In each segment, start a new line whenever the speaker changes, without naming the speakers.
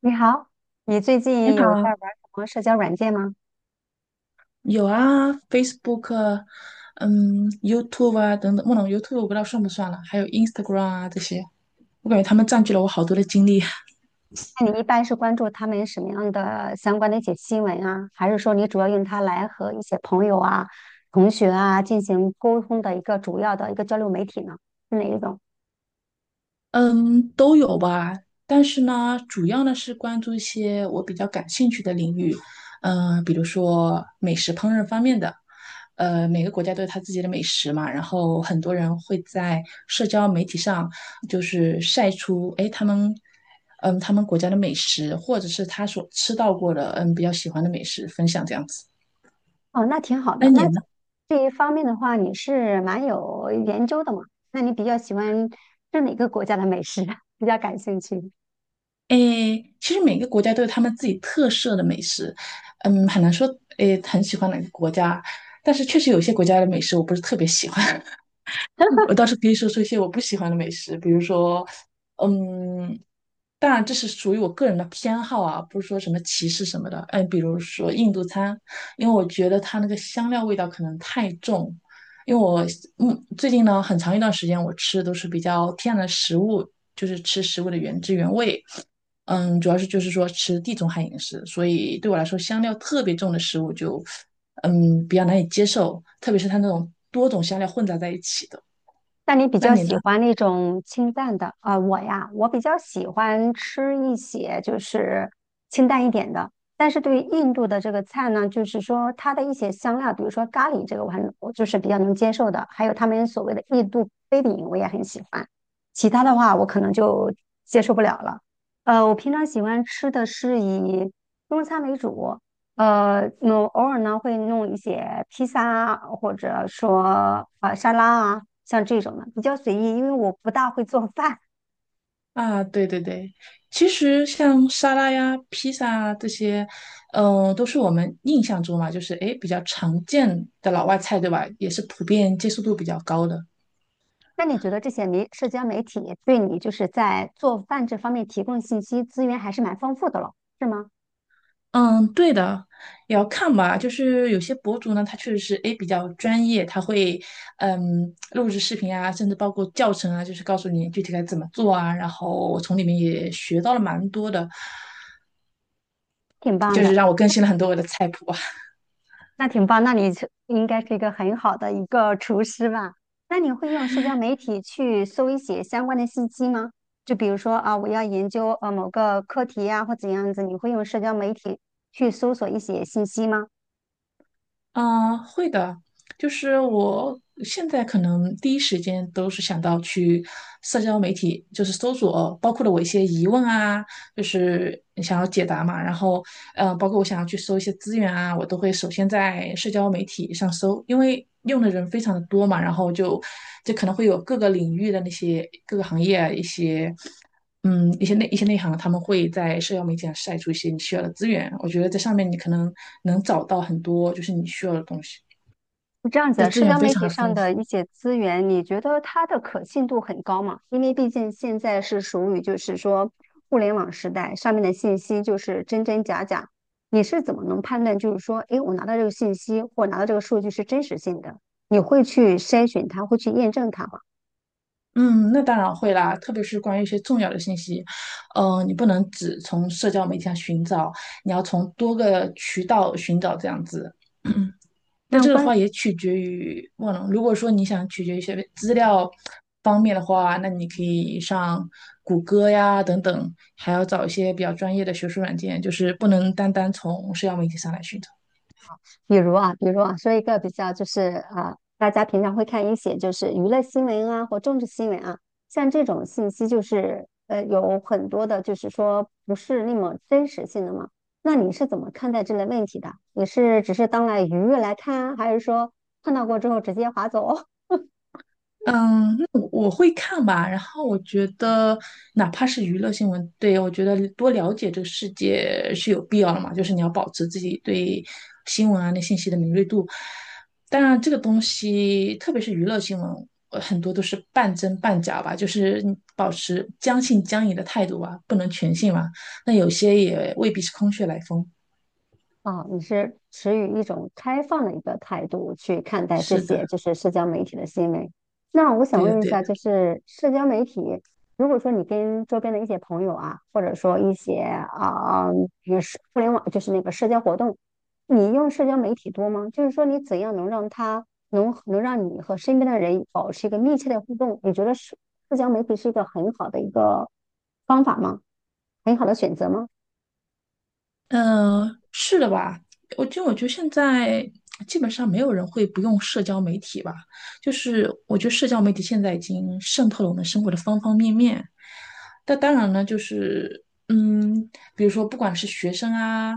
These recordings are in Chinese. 你好，你最
你
近有在
好，
玩什么社交软件吗？
有啊，Facebook，YouTube 啊等等，不能 YouTube 我不知道算不算了，还有 Instagram 啊这些，我感觉他们占据了我好多的精力。
那你一般是关注他们什么样的相关的一些新闻啊？还是说你主要用它来和一些朋友啊、同学啊进行沟通的一个主要的一个交流媒体呢？是哪一种？
嗯，都有吧，但是呢，主要呢是关注一些我比较感兴趣的领域，比如说美食烹饪方面的，每个国家都有它自己的美食嘛，然后很多人会在社交媒体上就是晒出，他们国家的美食，或者是他所吃到过的，比较喜欢的美食分享这样子。
哦，那挺好
那
的。
你
那在
呢？
这一方面的话，你是蛮有研究的嘛？那你比较喜欢是哪个国家的美食？比较感兴趣？
其实每个国家都有他们自己特色的美食，很难说很喜欢哪个国家，但是确实有些国家的美食我不是特别喜欢。我倒是可以说说一些我不喜欢的美食，比如说，嗯，当然这是属于我个人的偏好啊，不是说什么歧视什么的。嗯，比如说印度餐，因为我觉得它那个香料味道可能太重。因为我最近呢很长一段时间我吃的都是比较天然的食物，就是吃食物的原汁原味。主要是就是说吃地中海饮食，所以对我来说香料特别重的食物就比较难以接受，特别是它那种多种香料混杂在一起的。
那你比
那
较
你呢？
喜欢那种清淡的？啊、我呀，我比较喜欢吃一些就是清淡一点的。但是对于印度的这个菜呢，就是说它的一些香料，比如说咖喱这个，我就是比较能接受的。还有他们所谓的印度飞饼，我也很喜欢。其他的话，我可能就接受不了了。我平常喜欢吃的是以中餐为主，那偶尔呢会弄一些披萨啊，或者说啊、沙拉啊，像这种的比较随意，因为我不大会做饭。
啊，对对对，其实像沙拉呀、披萨啊这些，都是我们印象中嘛，就是比较常见的老外菜，对吧？也是普遍接受度比较高的。
那你觉得这些社交媒体对你就是在做饭这方面提供信息资源还是蛮丰富的了，是吗？
嗯，对的，也要看吧。就是有些博主呢，他确实是比较专业，他会录制视频啊，甚至包括教程啊，就是告诉你具体该怎么做啊。然后我从里面也学到了蛮多的，
挺棒
就是
的。
让我更新了很多我的菜谱啊。
那挺棒，那你是应该是一个很好的一个厨师吧？那你会用社交媒体去搜一些相关的信息吗？就比如说啊，我要研究某个课题呀、或怎样子，你会用社交媒体去搜索一些信息吗？
嗯，会的，就是我现在可能第一时间都是想到去社交媒体，就是搜索，包括了我一些疑问啊，就是想要解答嘛，然后包括我想要去搜一些资源啊，我都会首先在社交媒体上搜，因为用的人非常的多嘛，然后就可能会有各个领域的那些各个行业啊一些内行，他们会在社交媒体上晒出一些你需要的资源。我觉得在上面你可能能找到很多就是你需要的东西，
是这样子
就
的，
资
社
源
交
非
媒
常
体
的
上
丰
的一
富。
些资源，你觉得它的可信度很高吗？因为毕竟现在是属于就是说互联网时代，上面的信息就是真真假假，你是怎么能判断就是说，诶，我拿到这个信息或拿到这个数据是真实性的？你会去筛选它，会去验证它吗？
嗯，那当然会啦，特别是关于一些重要的信息，你不能只从社交媒体上寻找，你要从多个渠道寻找这样子。但
那
这个的
关
话也取决于忘了，如果说你想取决于一些资料方面的话，那你可以上谷歌呀等等，还要找一些比较专业的学术软件，就是不能单单从社交媒体上来寻找。
比如啊，比如啊，说一个比较就是啊，大家平常会看一些就是娱乐新闻啊或政治新闻啊，像这种信息就是有很多的，就是说不是那么真实性的嘛。那你是怎么看待这类问题的？你是只是当来娱乐来看啊还是说看到过之后直接划走？
嗯，那我会看吧。然后我觉得，哪怕是娱乐新闻，对，我觉得多了解这个世界是有必要的嘛。就是你要保持自己对新闻啊那信息的敏锐度。当然，这个东西，特别是娱乐新闻，很多都是半真半假吧，就是你保持将信将疑的态度吧，不能全信嘛。那有些也未必是空穴来风。
哦，你是持于一种开放的一个态度去看待这
是的，
些就是社交媒体的新闻。那我想
对的，
问一
对的。
下，就是社交媒体，如果说你跟周边的一些朋友啊，或者说一些啊，也是互联网，就是那个社交活动，你用社交媒体多吗？就是说你怎样能让它能让你和身边的人保持一个密切的互动？你觉得社交媒体是一个很好的一个方法吗？很好的选择吗？
嗯，是的吧？我觉得现在基本上没有人会不用社交媒体吧。就是我觉得社交媒体现在已经渗透了我们生活的方方面面。但当然呢，就是比如说不管是学生啊，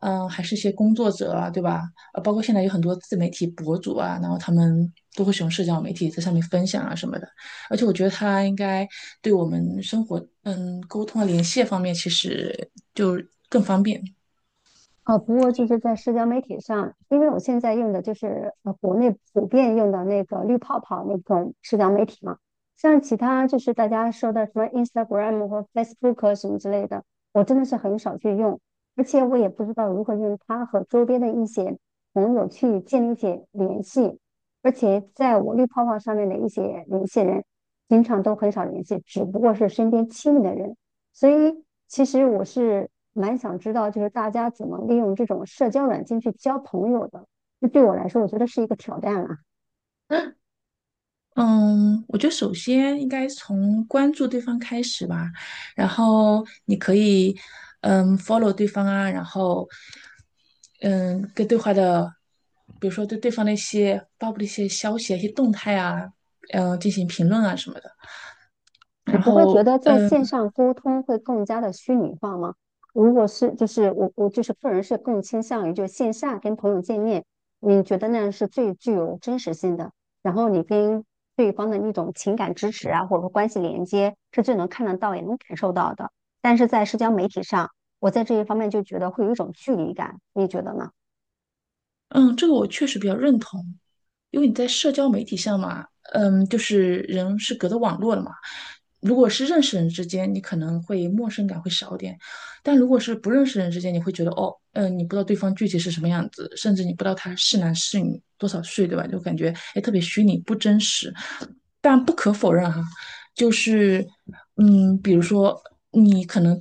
还是一些工作者啊，对吧？包括现在有很多自媒体博主啊，然后他们都会使用社交媒体在上面分享啊什么的。而且我觉得它应该对我们生活，沟通啊、联系方面，其实就更方便。
啊，不过就是在社交媒体上，因为我现在用的就是国内普遍用的那个绿泡泡那种社交媒体嘛，像其他就是大家说的什么 Instagram 和 Facebook 什么之类的，我真的是很少去用，而且我也不知道如何用它和周边的一些朋友去建立起联系，而且在我绿泡泡上面的一些联系人，经常都很少联系，只不过是身边亲密的人。所以其实我是蛮想知道，就是大家怎么利用这种社交软件去交朋友的。这对我来说，我觉得是一个挑战啊。
嗯，我觉得首先应该从关注对方开始吧，然后你可以follow 对方啊，然后嗯跟对话的，比如说对对方的一些发布的一些消息啊、一些动态啊，进行评论啊什么的，
你
然
不会觉
后。
得在
嗯。
线上沟通会更加的虚拟化吗？如果是，就是我就是个人是更倾向于就线下跟朋友见面，你觉得那样是最具有真实性的，然后你跟对方的那种情感支持啊，或者说关系连接是最能看得到也能感受到的。但是在社交媒体上，我在这一方面就觉得会有一种距离感，你觉得呢？
嗯，这个我确实比较认同，因为你在社交媒体上嘛，就是人是隔着网络的嘛。如果是认识人之间，你可能会陌生感会少一点，但如果是不认识人之间，你会觉得你不知道对方具体是什么样子，甚至你不知道他是男是女，多少岁，对吧？就感觉特别虚拟，不真实。但不可否认哈，就是比如说你可能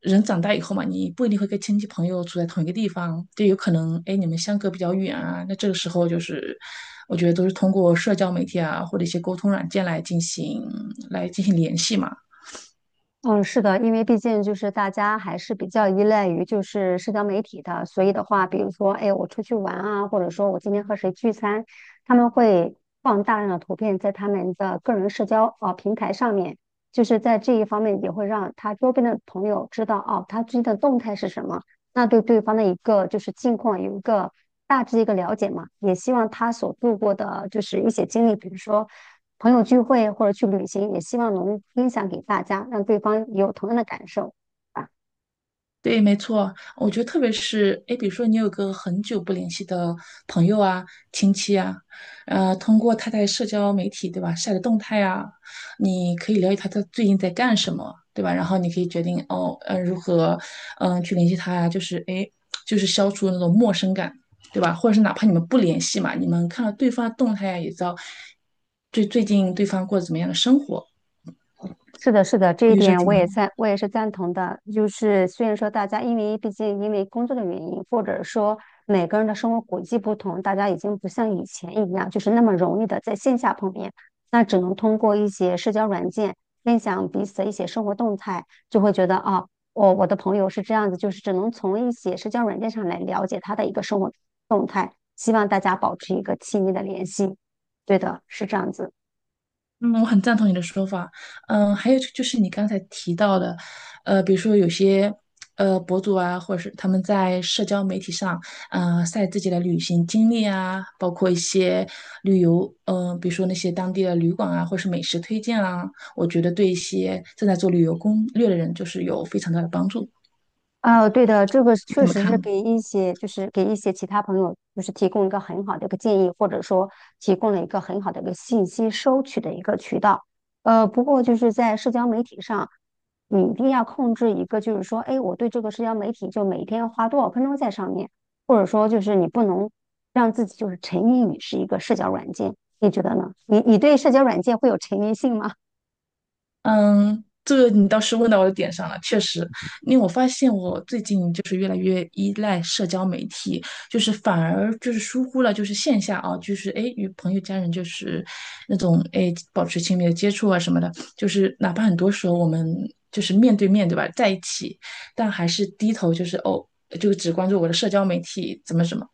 人长大以后嘛，你不一定会跟亲戚朋友住在同一个地方，就有可能你们相隔比较远啊，那这个时候就是我觉得都是通过社交媒体啊或者一些沟通软件来进行联系嘛。
嗯，是的，因为毕竟就是大家还是比较依赖于就是社交媒体的，所以的话，比如说，哎，我出去玩啊，或者说我今天和谁聚餐，他们会放大量的图片在他们的个人社交啊平台上面，就是在这一方面也会让他周边的朋友知道哦，他最近的动态是什么，那对对方的一个就是近况有一个大致一个了解嘛，也希望他所度过的就是一些经历，比如说。朋友聚会或者去旅行，也希望能分享给大家，让对方也有同样的感受。啊。
对，没错，我觉得特别是，比如说你有个很久不联系的朋友啊、亲戚啊，通过他在社交媒体，对吧，晒的动态啊，你可以了解他最近在干什么，对吧？然后你可以决定如何，去联系他呀、就是就是消除那种陌生感，对吧？或者是哪怕你们不联系嘛，你们看到对方的动态啊，也知道最近对方过得怎么样的生活，
是的，是的，这
我
一
觉得这
点我也
挺。
赞，我也是赞同的。就是虽然说大家因为毕竟因为工作的原因，或者说每个人的生活轨迹不同，大家已经不像以前一样，就是那么容易的在线下碰面，那只能通过一些社交软件分享彼此的一些生活动态，就会觉得啊，我的朋友是这样子，就是只能从一些社交软件上来了解他的一个生活动态。希望大家保持一个亲密的联系。对的，是这样子。
嗯，我很赞同你的说法。还有就是你刚才提到的，比如说有些博主啊，或者是他们在社交媒体上，晒自己的旅行经历啊，包括一些旅游，比如说那些当地的旅馆啊，或是美食推荐啊，我觉得对一些正在做旅游攻略的人，就是有非常大的帮助。
呃，对的，这个是
你
确
怎么
实
看
是
呢？
给一些，就是给一些其他朋友，就是提供一个很好的一个建议，或者说提供了一个很好的一个信息收取的一个渠道。不过就是在社交媒体上，你一定要控制一个，就是说，哎，我对这个社交媒体就每天要花多少分钟在上面，或者说就是你不能让自己就是沉迷于是一个社交软件，你觉得呢？你对社交软件会有沉迷性吗？
嗯，这个你倒是问到我的点上了，确实，因为我发现我最近就是越来越依赖社交媒体，就是反而就是疏忽了就是线下啊，就是与朋友家人就是那种保持亲密的接触啊什么的，就是哪怕很多时候我们就是面对面对吧，在一起，但还是低头就是就只关注我的社交媒体怎么怎么。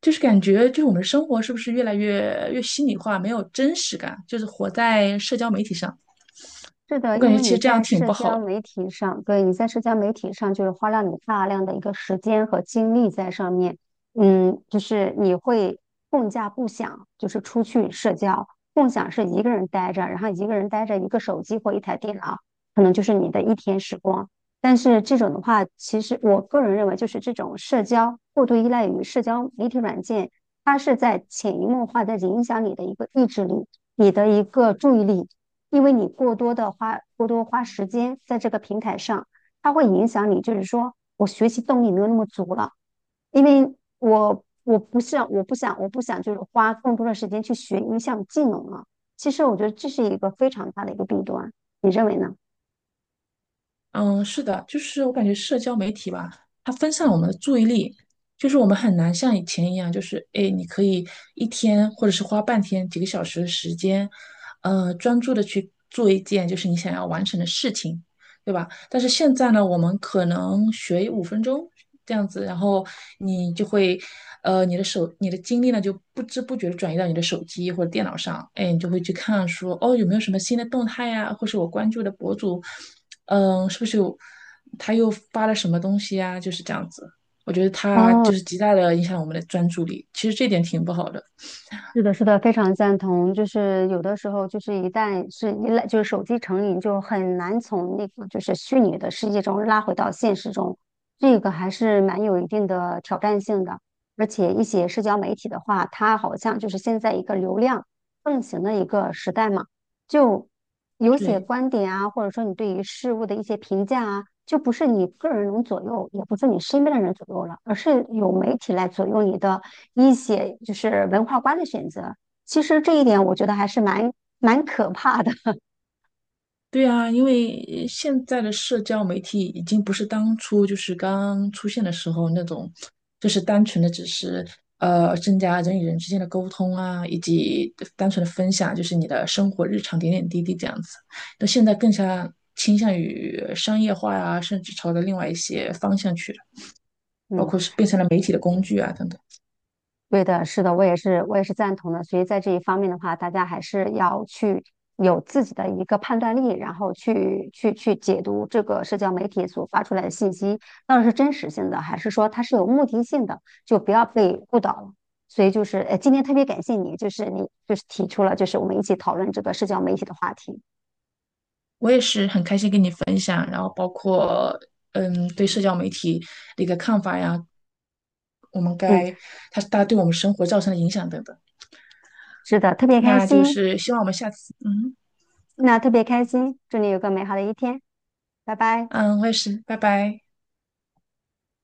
就是感觉，就是我们的生活是不是越来越心里话没有真实感，就是活在社交媒体上。
是的，
我感
因
觉
为
其
你
实这样
在
挺
社
不好
交
的。
媒体上，对，你在社交媒体上就是花了你大量的一个时间和精力在上面，嗯，就是你会更加不想就是出去社交，共享是一个人待着，然后一个人待着一个手机或一台电脑，可能就是你的一天时光。但是这种的话，其实我个人认为，就是这种社交过度依赖于社交媒体软件，它是在潜移默化的影响你的一个意志力，你的一个注意力。因为你过多的花过多花时间在这个平台上，它会影响你，就是说我学习动力没有那么足了，因为我不想就是花更多的时间去学一项技能了。其实我觉得这是一个非常大的一个弊端，你认为呢？
嗯，是的，就是我感觉社交媒体吧，它分散了我们的注意力，就是我们很难像以前一样，就是你可以一天或者是花半天、几个小时的时间，专注的去做一件就是你想要完成的事情。对吧？但是现在呢，我们可能学5分钟这样子，然后你就会，你的精力呢就不知不觉的转移到你的手机或者电脑上，你就会去看说，哦，有没有什么新的动态呀、或是我关注的博主，是不是有他又发了什么东西呀、就是这样子，我觉得他
哦，
就是极大的影响我们的专注力，其实这点挺不好的。
是的，是的，非常赞同。就是有的时候，就是一旦是依赖，就是手机成瘾，就很难从那个就是虚拟的世界中拉回到现实中，这个还是蛮有一定的挑战性的。而且一些社交媒体的话，它好像就是现在一个流量盛行的一个时代嘛，就有些
对，
观点啊，或者说你对于事物的一些评价啊，就不是你个人能左右，也不是你身边的人左右了，而是有媒体来左右你的。一些就是文化观的选择。其实这一点我觉得还是蛮可怕的。
对啊，因为现在的社交媒体已经不是当初就是刚出现的时候那种，就是单纯的只是增加人与人之间的沟通啊，以及单纯的分享，就是你的生活日常点点滴滴这样子。那现在更加倾向于商业化啊，甚至朝着另外一些方向去了，包
嗯，
括是变成了媒体的工具啊等等。
对的，是的，我也是赞同的。所以在这一方面的话，大家还是要去有自己的一个判断力，然后去解读这个社交媒体所发出来的信息，到底是真实性的，还是说它是有目的性的，就不要被误导了。所以就是，今天特别感谢你，就是你就是提出了，就是我们一起讨论这个社交媒体的话题。
我也是很开心跟你分享，然后包括对社交媒体的一个看法呀，我们
嗯，
该它它对我们生活造成的影响等等。
是的，特别开
那就
心。
是希望我们下次，嗯
那特别开心，祝你有个美好的一天，拜拜。
嗯，我也是，拜拜。